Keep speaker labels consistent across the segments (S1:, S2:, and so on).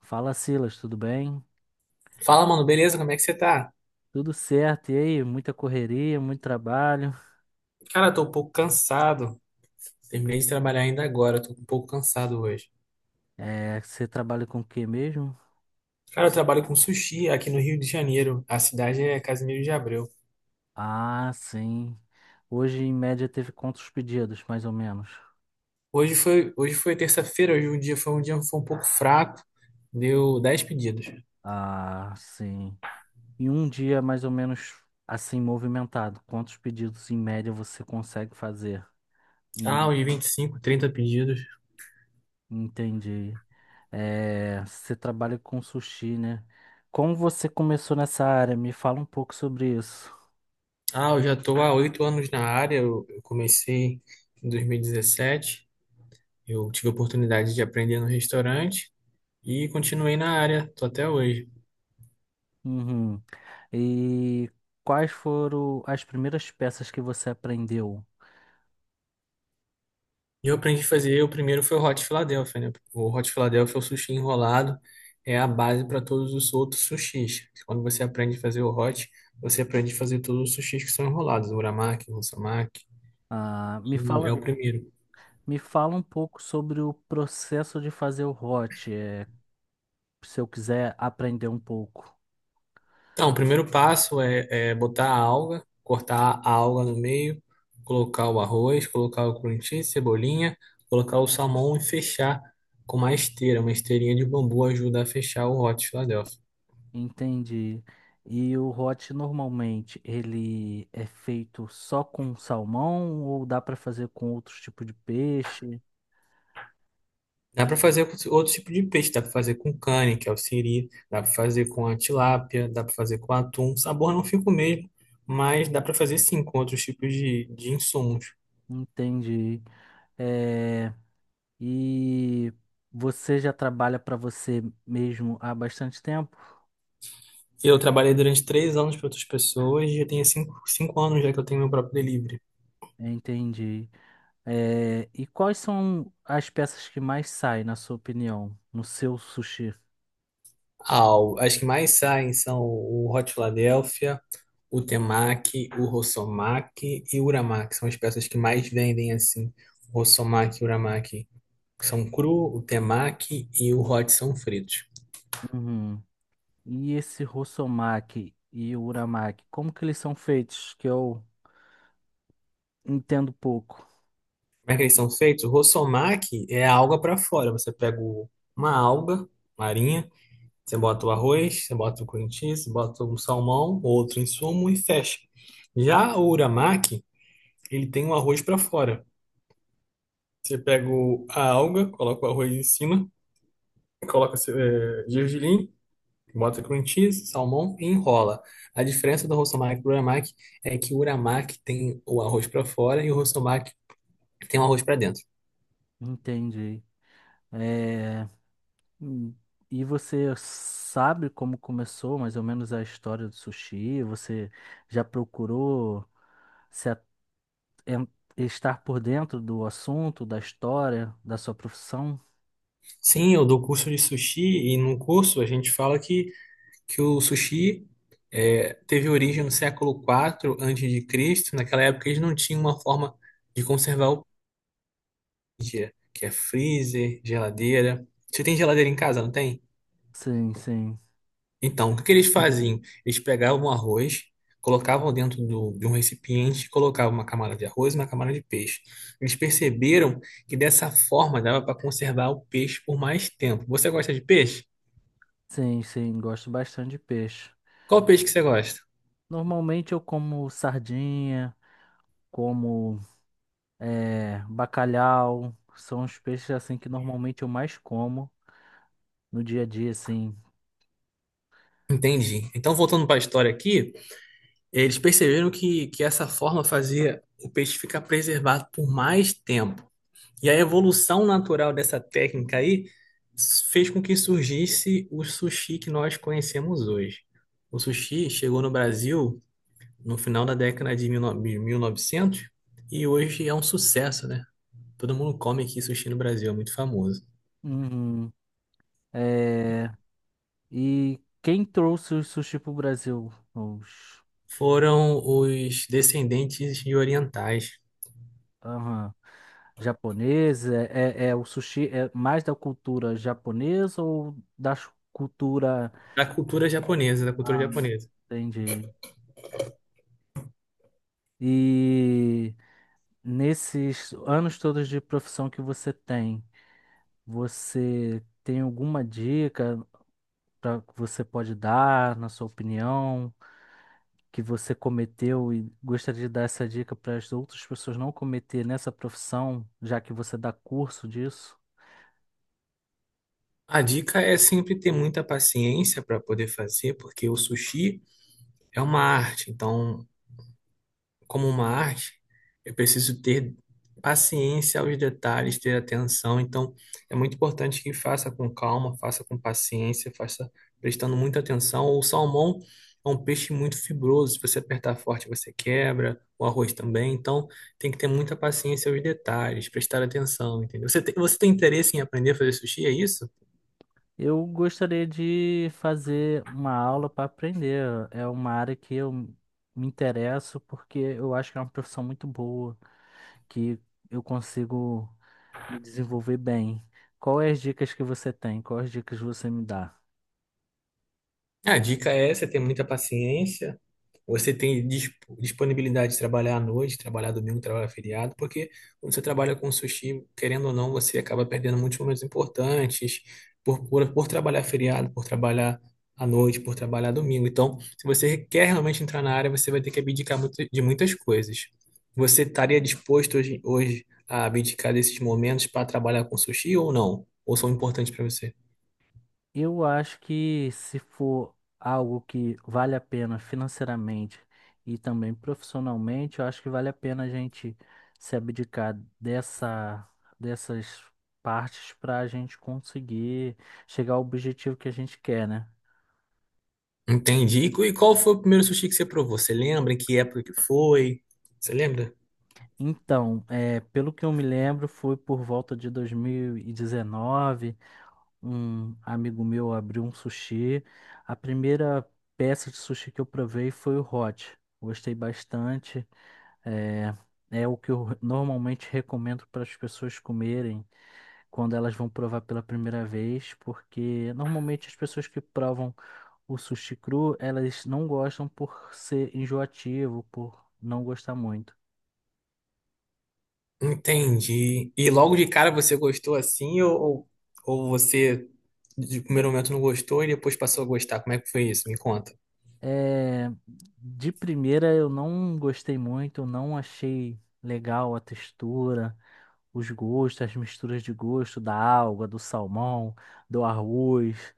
S1: Fala, Silas, tudo bem?
S2: Fala, mano, beleza? Como é que você tá?
S1: Tudo certo, e aí? Muita correria, muito trabalho.
S2: Cara, eu tô um pouco cansado. Terminei de trabalhar ainda agora, eu tô um pouco cansado hoje.
S1: É, você trabalha com o que mesmo?
S2: Cara, eu trabalho com sushi aqui no Rio de Janeiro. A cidade é Casimiro de Abreu.
S1: Ah, sim. Hoje, em média, teve quantos pedidos, mais ou menos?
S2: Hoje foi terça-feira. Hoje um dia foi um pouco fraco. Deu 10 pedidos.
S1: Ah, sim. E um dia, mais ou menos, assim, movimentado, quantos pedidos, em média, você consegue fazer? Em
S2: Ah,
S1: mé-
S2: hoje 25, 30 pedidos.
S1: Entendi. É, você trabalha com sushi, né? Como você começou nessa área? Me fala um pouco sobre isso.
S2: Ah, eu já tô há 8 anos na área. Eu comecei em 2017. Eu tive a oportunidade de aprender no restaurante e continuei na área, tô até hoje.
S1: Uhum. E quais foram as primeiras peças que você aprendeu?
S2: E eu aprendi a fazer, o primeiro foi o Hot Philadelphia, né? O Hot Philadelphia é o sushi enrolado, é a base para todos os outros sushis. Quando você aprende a fazer o hot, você aprende a fazer todos os sushis que são enrolados, o uramaki, o musamaki,
S1: Ah,
S2: e é o primeiro.
S1: me fala um pouco sobre o processo de fazer o hot, se eu quiser aprender um pouco.
S2: Então, o primeiro passo é botar a alga, cortar a alga no meio, colocar o arroz, colocar o cream cheese, cebolinha, colocar o salmão e fechar com uma esteira. Uma esteirinha de bambu ajuda a fechar o Hot Philadelphia.
S1: Entendi. E o hot normalmente ele é feito só com salmão ou dá para fazer com outros tipos de peixe?
S2: Dá para fazer com outro tipo de peixe, dá para fazer com cane, que é o siri, dá para fazer com a tilápia, dá para fazer com atum. O sabor não fica o mesmo, mas dá para fazer sim com outros tipos de insumos.
S1: Entendi. É, e você já trabalha para você mesmo há bastante tempo?
S2: Eu trabalhei durante 3 anos para outras pessoas e já tenho cinco anos já que eu tenho meu próprio delivery.
S1: Entendi. É, e quais são as peças que mais saem, na sua opinião, no seu sushi?
S2: Ah, as que mais saem são o Hot Philadelphia, o Temaki, o Rossomaki e o Uramaki. São as peças que mais vendem assim. O Rossomaki e o Uramaki são cru, o Temaki e o Hot são fritos.
S1: Uhum. E esse Rossomaki e o Uramaki, como que eles são feitos? Que eu entendo pouco.
S2: Como é que eles são feitos? O Rosomaki é a alga para fora. Você pega uma alga marinha, você bota o arroz, você bota o cream cheese, você bota um salmão, outro insumo e fecha. Já o uramaki, ele tem o arroz para fora. Você pega a alga, coloca o arroz em cima, coloca gergelim, bota cream cheese, salmão e enrola. A diferença do Rosomaki para o uramaki é que o uramaki tem o arroz para fora e o Rosomaki tem um arroz pra dentro.
S1: Entendi. É, hum, e você sabe como começou mais ou menos a história do sushi? Você já procurou se a- en- estar por dentro do assunto, da história, da sua profissão?
S2: Sim, eu dou curso de sushi e num curso a gente fala que o sushi teve origem no século quatro antes de Cristo. Naquela época eles não tinham uma forma de conservar o dia, que é freezer, geladeira. Você tem geladeira em casa, não tem?
S1: Sim, sim.
S2: Então, o que que eles faziam? Eles pegavam o arroz, colocavam dentro de um recipiente, colocavam uma camada de arroz e uma camada de peixe. Eles perceberam que dessa forma dava para conservar o peixe por mais tempo. Você gosta de peixe?
S1: Sim, sim, gosto bastante de peixe.
S2: Qual peixe que você gosta?
S1: Normalmente eu como sardinha, como bacalhau, são os peixes assim que normalmente eu mais como no dia a dia, assim.
S2: Entendi. Então, voltando para a história aqui, eles perceberam que essa forma fazia o peixe ficar preservado por mais tempo. E a evolução natural dessa técnica aí fez com que surgisse o sushi que nós conhecemos hoje. O sushi chegou no Brasil no final da década de 19 de 1900 e novecentos, e hoje é um sucesso, né? Todo mundo come aqui sushi no Brasil, é muito famoso.
S1: Uhum. Eh, e quem trouxe o sushi pro Brasil? Os
S2: Foram os descendentes de orientais
S1: aham, japoneses? É, o sushi é mais da cultura japonesa ou da cultura...
S2: da cultura japonesa, da cultura
S1: Ah,
S2: japonesa.
S1: entendi. E... Nesses anos todos de profissão que você tem alguma dica pra, que você pode dar, na sua opinião, que você cometeu e gostaria de dar essa dica para as outras pessoas não cometer nessa profissão, já que você dá curso disso?
S2: A dica é sempre ter muita paciência para poder fazer, porque o sushi é uma arte. Então, como uma arte, eu preciso ter paciência aos detalhes, ter atenção. Então, é muito importante que faça com calma, faça com paciência, faça prestando muita atenção. O salmão é um peixe muito fibroso. Se você apertar forte, você quebra. O arroz também. Então, tem que ter muita paciência aos detalhes, prestar atenção, entendeu? Você tem interesse em aprender a fazer sushi, é isso?
S1: Eu gostaria de fazer uma aula para aprender. É uma área que eu me interesso porque eu acho que é uma profissão muito boa, que eu consigo me desenvolver bem. Qual é as dicas que você tem? Quais as dicas você me dá?
S2: A dica é você ter muita paciência. Você tem disponibilidade de trabalhar à noite, trabalhar domingo, trabalhar feriado, porque quando você trabalha com sushi, querendo ou não, você acaba perdendo muitos momentos importantes por trabalhar feriado, por trabalhar à noite, por trabalhar domingo. Então, se você quer realmente entrar na área, você vai ter que abdicar de muitas coisas. Você estaria disposto hoje a abdicar desses momentos para trabalhar com sushi ou não? Ou são importantes para você?
S1: Eu acho que se for algo que vale a pena financeiramente e também profissionalmente, eu acho que vale a pena a gente se abdicar dessa, dessas partes para a gente conseguir chegar ao objetivo que a gente quer, né?
S2: Entendi. E qual foi o primeiro sushi que você provou? Você lembra? Em que época que foi? Você lembra?
S1: Então, é, pelo que eu me lembro, foi por volta de 2019, um amigo meu abriu um sushi. A primeira peça de sushi que eu provei foi o hot. Gostei bastante. É, é o que eu normalmente recomendo para as pessoas comerem quando elas vão provar pela primeira vez, porque normalmente as pessoas que provam o sushi cru, elas não gostam, por ser enjoativo, por não gostar muito.
S2: Entendi. E logo de cara você gostou assim, ou ou você de primeiro momento não gostou e depois passou a gostar? Como é que foi isso? Me conta.
S1: É, de primeira eu não gostei muito, não achei legal a textura, os gostos, as misturas de gosto da alga, do salmão, do arroz,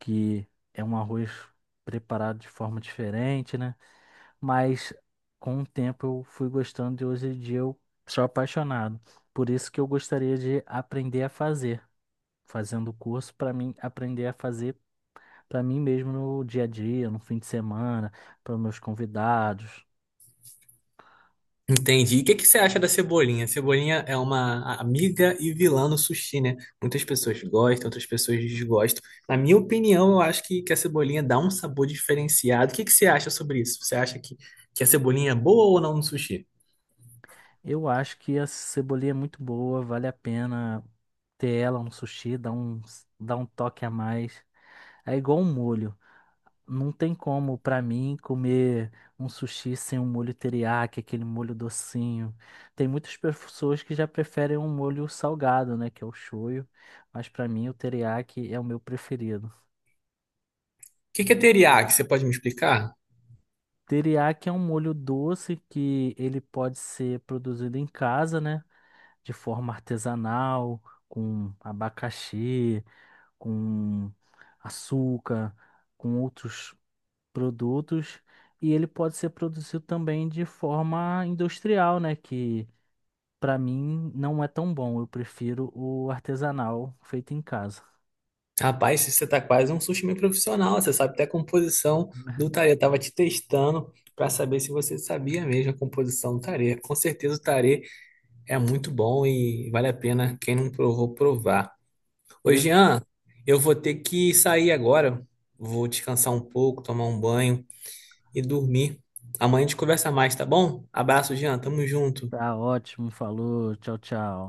S1: que é um arroz preparado de forma diferente, né? Mas com o tempo eu fui gostando e hoje em dia eu sou apaixonado. Por isso que eu gostaria de aprender a fazer, fazendo o curso para mim aprender a fazer para mim mesmo no dia a dia, no fim de semana, para meus convidados.
S2: Entendi. E o que que você acha da cebolinha? Cebolinha é uma amiga e vilã no sushi, né? Muitas pessoas gostam, outras pessoas desgostam. Na minha opinião, eu acho que a cebolinha dá um sabor diferenciado. O que que você acha sobre isso? Você acha que a cebolinha é boa ou não no sushi?
S1: Eu acho que a cebolinha é muito boa, vale a pena ter ela no sushi, dá um toque a mais. É igual um molho. Não tem como, pra mim, comer um sushi sem um molho teriyaki, aquele molho docinho. Tem muitas pessoas que já preferem um molho salgado, né, que é o shoyu, mas pra mim o teriyaki é o meu preferido.
S2: O que que é teriyaki? Você pode me explicar?
S1: Teriyaki é um molho doce que ele pode ser produzido em casa, né, de forma artesanal, com abacaxi, com açúcar, com outros produtos, e ele pode ser produzido também de forma industrial, né? Que para mim não é tão bom. Eu prefiro o artesanal feito em casa.
S2: Rapaz, você tá quase um sushi meio profissional. Você sabe até a composição do tarê. Eu tava te testando para saber se você sabia mesmo a composição do tarê. Com certeza o tarê é muito bom e vale a pena quem não provou provar. Ô,
S1: Eu...
S2: Jean, eu vou ter que sair agora. Vou descansar um pouco, tomar um banho e dormir. Amanhã a gente conversa mais, tá bom? Abraço, Jean. Tamo junto.
S1: Tá ótimo, falou, tchau, tchau.